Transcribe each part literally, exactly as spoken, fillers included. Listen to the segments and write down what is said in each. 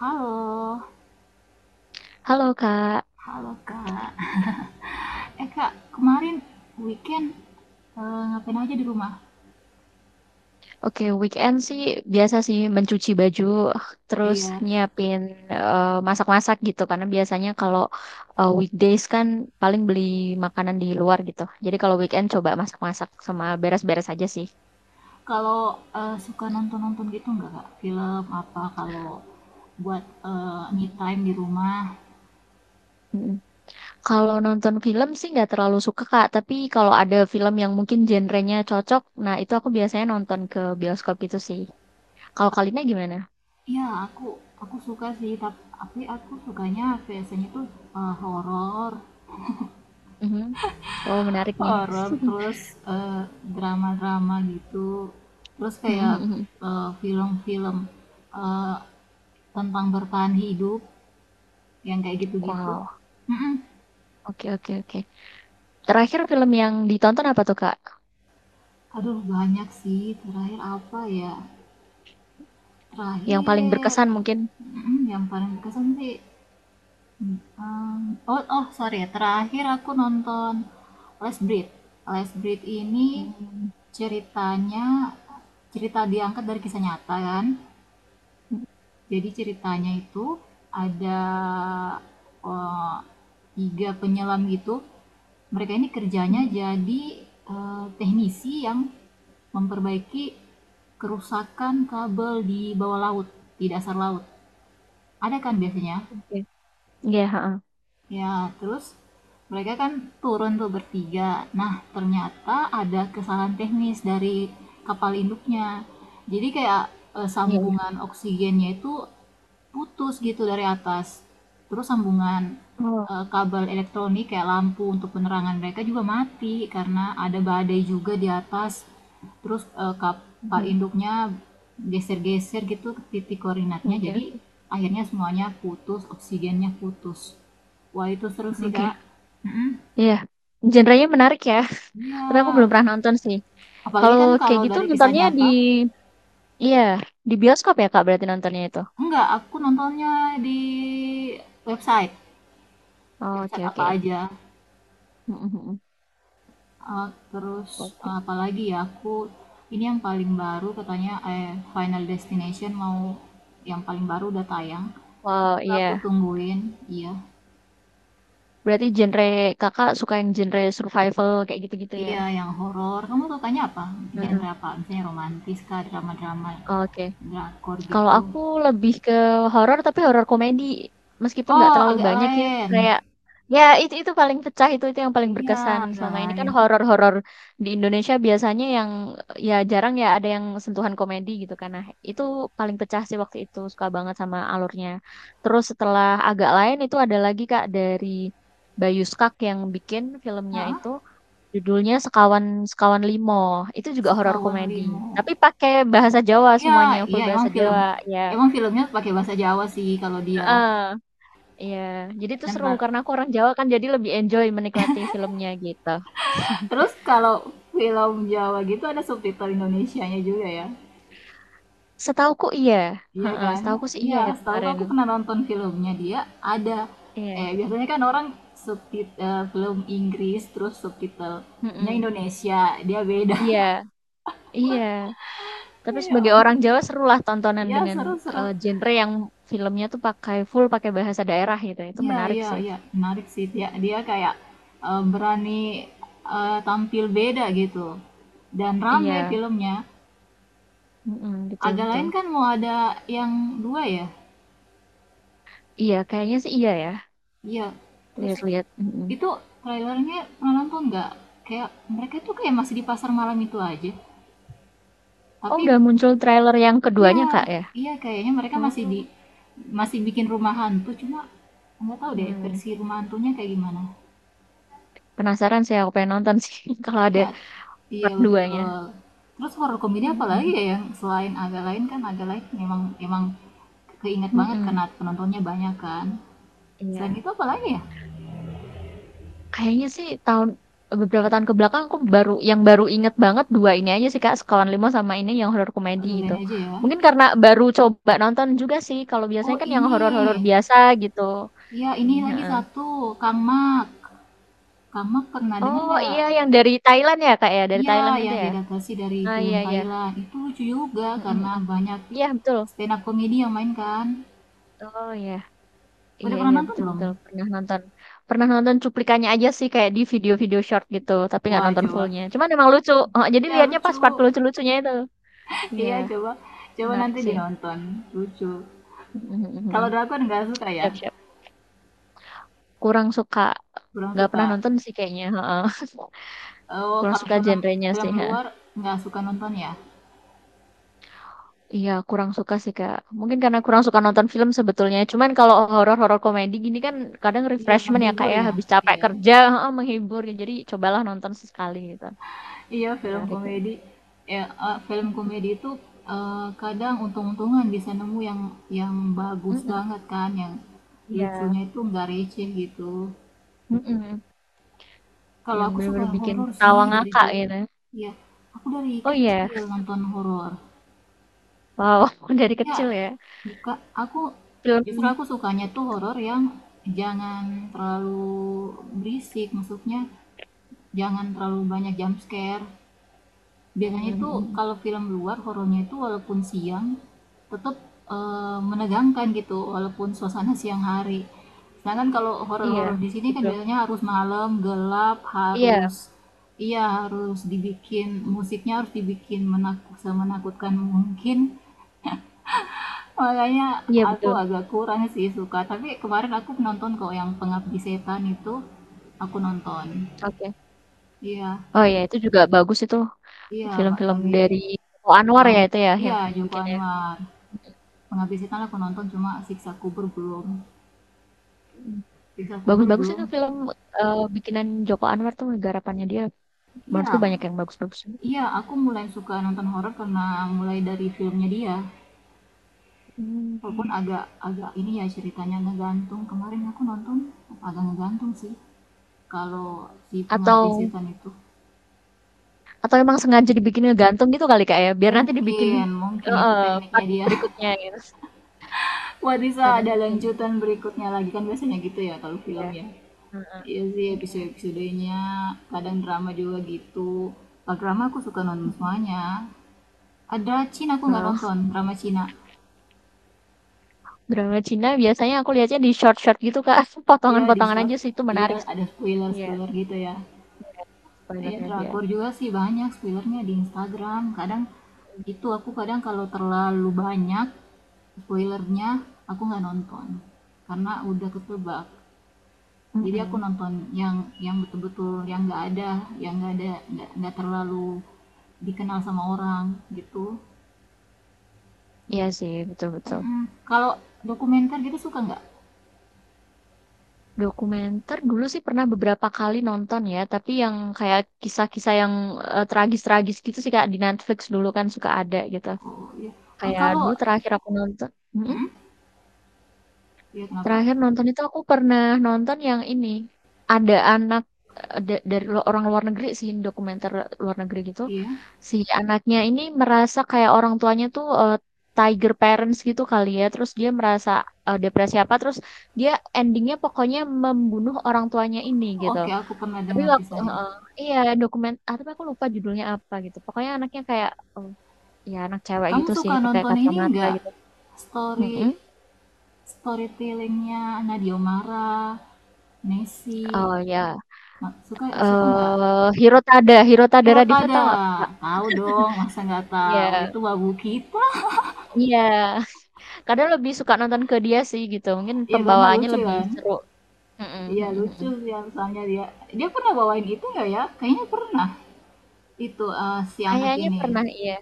Halo, Halo Kak, halo Kak. Eh Kak, kemarin weekend eh, ngapain aja di rumah? oke weekend sih biasa sih mencuci baju terus Iya. nyiapin eh, masak-masak gitu karena biasanya kalau eh, weekdays kan paling beli makanan di luar gitu. Jadi kalau weekend coba masak-masak sama beres-beres aja sih. Kalau eh, suka nonton-nonton gitu nggak Kak? Film apa kalau buat eh, me Mhm. time di rumah? Mhm. Kalau nonton film sih nggak terlalu suka Kak, tapi kalau ada film yang mungkin genrenya cocok, nah itu aku biasanya nonton ke bioskop gitu sih. Kalau Kalina gimana? Iya, aku aku suka sih, tap- tapi aku sukanya biasanya tuh eh, horor, Mhm. Oh menarik nih. horor terus eh, drama-drama gitu. Terus kayak Mhm. eh, film-film eh, tentang bertahan hidup yang kayak gitu-gitu. Wow, Mm-mm. oke oke oke. Terakhir film yang ditonton apa tuh Kak? Aduh banyak sih. Terakhir apa ya? Yang paling Terakhir berkesan mungkin? mm, yang paling berkesan sih. mm, um, oh oh sorry ya. Terakhir aku nonton Les Breed. Les Breed ini Hmm. ceritanya cerita diangkat dari kisah nyata kan. Jadi ceritanya itu ada, eee, tiga penyelam gitu. Mereka ini kerjanya Mhm. jadi, eee, teknisi yang memperbaiki kerusakan kabel di bawah laut, di dasar laut. Ada kan biasanya? Oke. Iya, heeh. Ya, terus mereka kan turun tuh bertiga. Nah, ternyata ada kesalahan teknis dari kapal induknya. Jadi kayak eh, Iya iya. sambungan oksigennya itu putus gitu dari atas. Terus sambungan Oh, eh, kabel elektronik kayak lampu untuk penerangan mereka juga mati karena ada badai juga di atas, terus eh, kapal mhm. induknya geser-geser gitu titik koordinatnya, Oke jadi oke. akhirnya semuanya putus, oksigennya putus. Wah itu seru sih Oke. Kak. Mm-mm. Iya. Genrenya menarik ya, Iya, tapi aku belum pernah nonton sih. apalagi Kalau kan kayak kalau gitu dari kisah nontonnya di nyata. iya, di bioskop ya Kak berarti nontonnya itu? Enggak, aku nontonnya di website, Oh, oke website apa oke. aja. Mhm mhm. Eh, terus eh, Oke. apalagi ya, aku ini yang paling baru katanya eh, Final Destination mau yang paling baru udah tayang. Wow, Itu aku iya. tungguin, iya. Berarti genre Kakak suka yang genre survival kayak gitu-gitu ya? Iya, yang horor. Kamu sukanya apa? Heeh. Genre apa? Misalnya romantis kah, drama-drama, Oke. drakor Kalau gitu. aku lebih ke horor tapi horor komedi. Meskipun nggak Oh, terlalu agak banyak ya lain. kayak ya itu itu paling pecah itu itu yang paling Iya, berkesan agak selama ini kan lain. horor-horor di Indonesia biasanya yang ya jarang ya ada yang sentuhan komedi gitu kan. Nah, itu paling pecah sih waktu itu suka banget sama alurnya. Terus setelah agak lain itu ada lagi Kak dari Bayu Skak yang bikin filmnya Heeh, itu judulnya Sekawan Sekawan Limo. Itu juga horor Sekawan komedi, Limu. tapi pakai bahasa Jawa Iya, semuanya, iya full bahasa emang film. Jawa, ya Emang filmnya pakai bahasa Jawa sih kalau dia. heeh, iya. Jadi itu Kan, seru Pak. karena aku orang Jawa kan jadi lebih enjoy menikmati filmnya gitu. Terus kalau film Jawa gitu ada subtitle Indonesianya juga ya. Setahuku iya, Iya heeh, kan? setahuku sih Iya, iya ya setahuku kemarin. aku pernah nonton filmnya dia ada, eh Iya, biasanya kan orang subtitle film Inggris terus subtitlenya mhm. Indonesia, dia beda. Iya, iya. Tapi Iya, sebagai orang ampun. Jawa serulah tontonan Iya, dengan seru-seru. eh, genre yang filmnya tuh pakai full pakai bahasa daerah gitu. Itu Iya menarik iya sih. iya, menarik sih, dia Mhm. dia kayak eh, berani eh, tampil beda gitu dan Iya, rame filmnya. mhm, gitu Agak betul. lain kan mau ada yang dua ya? Iya, kayaknya sih iya ya. Iya, terus Lihat-lihat, mhm. itu trailernya pernah nonton nggak? Kayak mereka tuh kayak masih di pasar malam itu aja. Oh, Tapi udah muncul trailer yang iya, keduanya, Kak, ya? iya kayaknya mereka masih Oh, di masih bikin rumah hantu, cuma nggak tahu deh hmm, versi rumah hantunya kayak gimana. penasaran sih aku pengen nonton sih kalau ada Iya, iya part dua-nya. betul. Terus horor komedi apa lagi Mhm ya, yang selain agak lain. Kan agak lain memang emang keinget banget mhm, karena penontonnya banyak kan. Selain iya. itu apa lagi ya? Kayaknya sih tahun beberapa tahun ke belakang aku baru yang baru inget banget dua ini aja sih, Kak, Sekawan lima sama ini yang horor komedi Agak gitu. lain aja ya. Mungkin karena baru coba nonton juga sih, kalau Oh biasanya kan yang ini, horor-horor biasa gitu. iya, ini Ini lagi heeh. satu, Kang Mak. Kang Mak pernah dengar Oh, nggak? iya yang dari Thailand ya, Kak, ya? Dari Iya, Thailand itu yang ya? diadaptasi dari Ah, film iya iya. Thailand. Itu lucu juga Mhm karena mhm. banyak Iya, betul. stand up comedy yang main kan. Oh ya, Udah iya pernah iya nonton betul belum? betul pernah nonton, pernah nonton cuplikannya aja sih kayak di video-video short gitu, tapi nggak Wah, nonton coba. fullnya. Cuman emang lucu, oh, jadi Iya, lihatnya lucu. pas part lucu-lucunya itu. Iya, Iya, coba. Coba menarik nanti sih. dinonton. Lucu. Kalau Mhm. drakor nggak suka ya? Siap siap. Kurang suka, Kurang nggak suka. pernah nonton sih kayaknya. Heeh. Oh, Kurang kalau suka film, genrenya film sih. Ha. luar nggak suka nonton ya? Iya, kurang suka sih Kak. Mungkin karena kurang suka nonton film sebetulnya. Cuman kalau horor-horor komedi gini kan kadang Iya, refreshment ya Kak menghibur ya, ya? habis capek Iya. kerja, heeh, menghibur. Jadi cobalah nonton sesekali gitu. Iya, film Menarik. Ya. komedi. Ya, eee, film Mhm, komedi itu, eee, kadang untung-untungan bisa nemu yang yang bagus mhm, banget kan, yang iya, lucunya itu nggak receh gitu. mhm, Kalau yang aku suka bener-bener bikin horor sih ketawa dari ngakak dulu. gitu. Iya, aku dari Oh iya? kecil nonton horor. Wow, dari Iya, kecil ya, buka aku justru film aku sukanya tuh horor yang jangan terlalu berisik, maksudnya jangan terlalu banyak jump scare. mhm Biasanya itu mhm, kalau film luar, horornya itu walaupun siang tetep, eee, menegangkan gitu walaupun suasana siang hari. Sedangkan kalau iya, horor-horor di sini kan betul. biasanya harus malam, gelap, Iya, harus, iya harus dibikin, mhm, musiknya harus dibikin menaku semenakutkan mungkin. Makanya iya aku betul, agak kurang sih suka, tapi kemarin aku nonton kok yang Pengabdi Setan itu, aku nonton. oke. Iya Oh iya, itu juga bagus itu iya, Mbak, film-film lagi dari Joko Joko Anwar An ya itu ya yang iya, Joko bikin ya? Anwar. Pengabdi Setan aku nonton, cuma Siksa Kubur belum. Mhm, Siksa Kubur bagus-bagus itu belum. film, eee, bikinan Joko Anwar tuh garapannya dia, Iya, menurutku banyak yang bagus-bagus. iya aku mulai suka nonton horor karena mulai dari filmnya dia. Walaupun Mhm, agak agak ini ya ceritanya ngegantung. Kemarin aku nonton agak ngegantung sih. Kalau si atau Pengabdi Setan itu, Atau emang sengaja dibikin ngegantung gitu kali Kak ya, biar nanti dibikin mungkin mungkin eh itu eh, tekniknya part dia. berikutnya gitu. Wah bisa Kadang ada kayak gitu lanjutan berikutnya lagi kan, biasanya gitu ya kalau sih film ya. ya. Heeh, Iya sih iya. episode-episodenya, kadang drama juga gitu. Kalau drama aku suka nonton Mhm. semuanya. Ada Cina aku nggak Nah, nonton, drama Cina. drama Cina biasanya aku lihatnya di short-short gitu Kak, Iya di potongan-potongan short, aja sih, itu iya menarik sih. ada Iya, spoiler-spoiler gitu ya. Iya spoiler-nya aja. drakor juga sih banyak spoilernya di Instagram. Kadang itu aku kadang kalau terlalu banyak spoilernya, aku nggak nonton karena udah ketebak. Jadi aku Mhm. nonton yang yang betul-betul yang nggak ada, yang nggak ada, nggak nggak terlalu dikenal sama orang gitu. Iya sih, betul betul. Mm-mm. Kalau dokumenter gitu suka nggak? Dokumenter dulu sih pernah beberapa kali nonton ya, tapi yang kayak kisah-kisah yang, eee, tragis-tragis gitu sih Kak, di Netflix dulu kan suka ada gitu. Oh iya. Ah, Kayak kalau, dulu terakhir aku nonton mhm? iya kenapa, Terakhir nonton itu aku pernah nonton yang ini. Ada anak eh, da- dari lu- orang luar negeri sih, dokumenter luar negeri gitu. iya Si anaknya ini merasa kayak orang tuanya tuh eh, tiger parents gitu kali ya. Terus dia merasa eh, depresi apa. Terus dia endingnya pokoknya membunuh orang tuanya ini gitu. oke, aku pernah Tapi dengar waktu eh, kisahnya. eh, iya dokumen, ah, tapi aku lupa judulnya apa gitu. Pokoknya anaknya kayak eh, ya anak cewek Kamu gitu sih, suka pakai nonton ini kacamata nggak, gitu. story Mm-mm. storytellingnya Nadia Omara Messi? Oh ya. Ma- suka suka nggak, Eee, Hirotada Hirotada Radivan Hirotada? tahu nggak, Kak? Tahu dong, masa nggak Iya tahu, itu babu kita. iya, kadang lebih suka nonton ke dia sih gitu, mungkin Iya karena pembawaannya lucu lebih kan. seru. Mhm Iya mhm lucu mhm. sih soalnya dia. Dia pernah bawain itu nggak ya? Kayaknya pernah. Itu eh, si anak Kayaknya ini. pernah iya.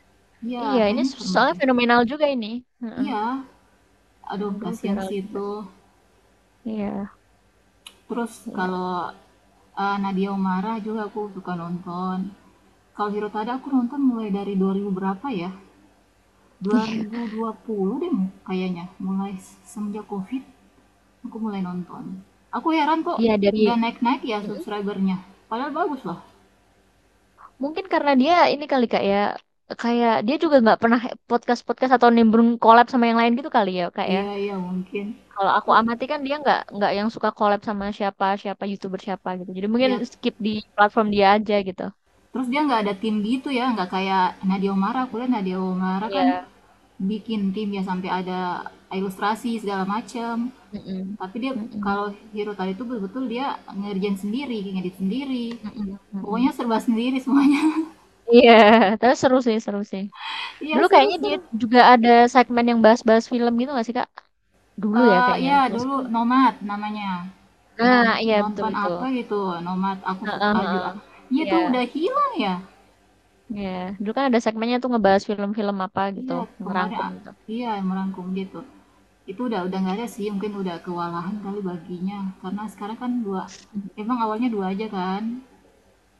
Iya Iya, ini kayaknya so pernah soalnya deh. fenomenal juga ini. Heeh, Iya. Aduh kayaknya dulu kasihan viral sih juga. itu. Iya Terus iya. kalau eh, Nadia Umara juga aku suka nonton. Kalau Hirotada aku nonton mulai dari dua ribu berapa ya? Dua dua ribu dua puluh deh kayaknya. Mulai semenjak COVID aku mulai nonton. Aku heran kok Iya dari nggak naik-naik ya mhm, subscribernya. Padahal bagus loh. mungkin karena dia ini kali, Kak, ya, kayak dia juga nggak pernah podcast-podcast atau nimbrung collab sama yang lain gitu kali ya, Kak, ya? Iya iya mungkin. Kalau aku Teru amati kan dia nggak nggak yang suka collab sama siapa siapa YouTuber siapa gitu. Jadi mungkin Ya, skip di platform dia aja gitu. terus dia nggak ada tim gitu ya, nggak kayak Nadia Oomara. Aku lihat Nadia Oomara Iya. kan bikin tim ya, sampai ada ilustrasi segala macem. Mhm. Tapi dia, Mhm. kalau Hero tadi itu, betul-betul dia ngerjain sendiri, ngedit sendiri. Mhm Pokoknya mhm. serba sendiri semuanya. Iya, tapi seru sih seru sih. Iya Dulu kayaknya dia seru-seru. juga ada segmen yang bahas-bahas film gitu nggak sih, Kak? Dulu ya Eh kayaknya. ya Kalau dulu sekarang Nomad namanya. Non nah, iya betul Nonton itu. apa gitu, Nomad aku Heeh suka aju. Ah. heeh. Iya tuh udah Iya. hilang ya. Iya. Dulu kan ada segmennya tuh ngebahas film-film apa gitu, Iya, kemarin ngerangkum a gitu. iya, merangkum gitu. Itu udah udah nggak ada sih, mungkin udah kewalahan kali baginya. Karena sekarang kan dua, Mhm. emang awalnya dua aja kan?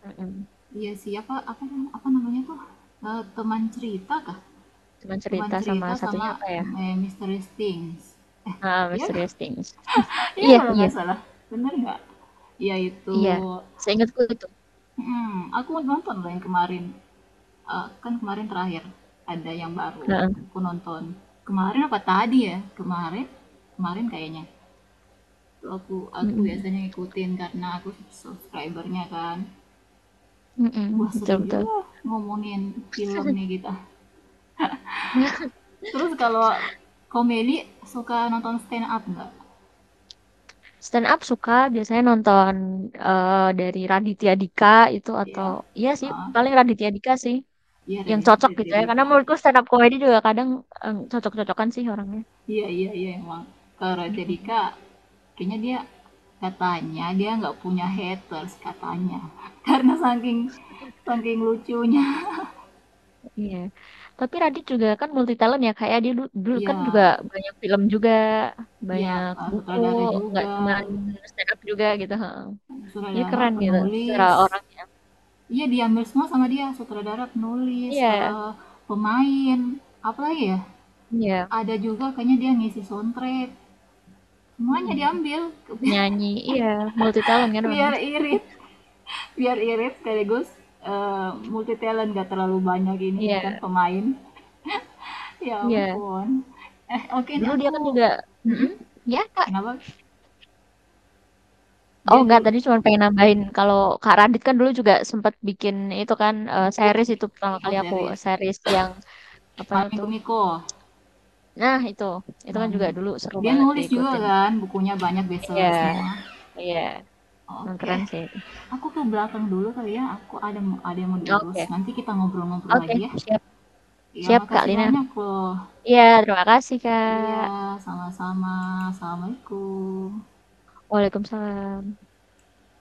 Mhm. Iya sih, apa apa, nam- apa namanya tuh? Eee, teman cerita kah? Cuman Teman cerita sama cerita sama, satunya apa ya? eee, Mysterious Things. Ah Iya, nggak? Mysterious Things. Iya Iya kalau iya. nggak salah, bener nggak? Iya itu. Iya, seingatku itu. Mhm, aku nonton loh yang kemarin. Eh, kan kemarin terakhir ada yang baru Heeh. aku nonton, kemarin apa tadi ya, kemarin kemarin kayaknya, itu aku aku Mm-mm. biasanya ngikutin karena aku subscribernya kan. Mm-mm, Wah betul seru betul. juga ngomongin film nih kita. Terus kalau komedi, suka nonton stand up nggak? Stand up suka biasanya nonton eh, dari Raditya Dika itu Iya, atau iya sih ah paling Raditya Dika sih iya deh, yang cocok gitu dari ya. Karena Rika. menurutku stand up comedy juga kadang em, cocok-cocokan sih orangnya. Iya iya iya emang. Kalau Raditya Mm-mm. Dika, kayaknya dia, katanya dia nggak punya haters katanya. Karena saking saking lucunya. Iya. Tapi Radit juga kan multi talent ya kayak dia du- dulu Iya, kan juga banyak film juga, iya banyak eh, buku, sutradara nggak juga. cuma stand up juga gitu. Heeh. Jadi Sutradara, keren gitu secara penulis. orang. Iya diambil semua sama dia, sutradara, penulis, Iya, eh, pemain, apa lagi ya? iya. Ada juga kayaknya dia ngisi soundtrack. Semuanya Mm-mm. diambil. Nyanyi iya, multi talent kan orangnya. Biar irit. Biar irit sekaligus eh, multi talent, gak terlalu banyak ininya, Iya, kan pemain. Ya iya. ampun, eh oke ini Dulu dia kan aku. juga Mm-mm. mhm, ya, Kak. Kenapa Oh, dia enggak, dulu tadi cuma pengen nambahin kalau Kak Radit kan dulu juga sempat bikin itu kan, eee, buku, series itu pertama oh kali aku, series, eh, series yang apa malam itu minggu Miko. nah itu, itu kan Malam juga minggu dulu seru dia banget nulis juga diikutin. kan, bukunya banyak Iya, bestseller semua. iya, emang Oke keren sih itu. aku ke belakang dulu kali ya, aku ada ada yang mau diurus, Oke, nanti kita ngobrol-ngobrol oke, lagi ya. siap Iya, siap Kak makasih Lina. banyak loh. Iya, terima kasih Iya Kak. sama-sama. Assalamualaikum. Waalaikumsalam.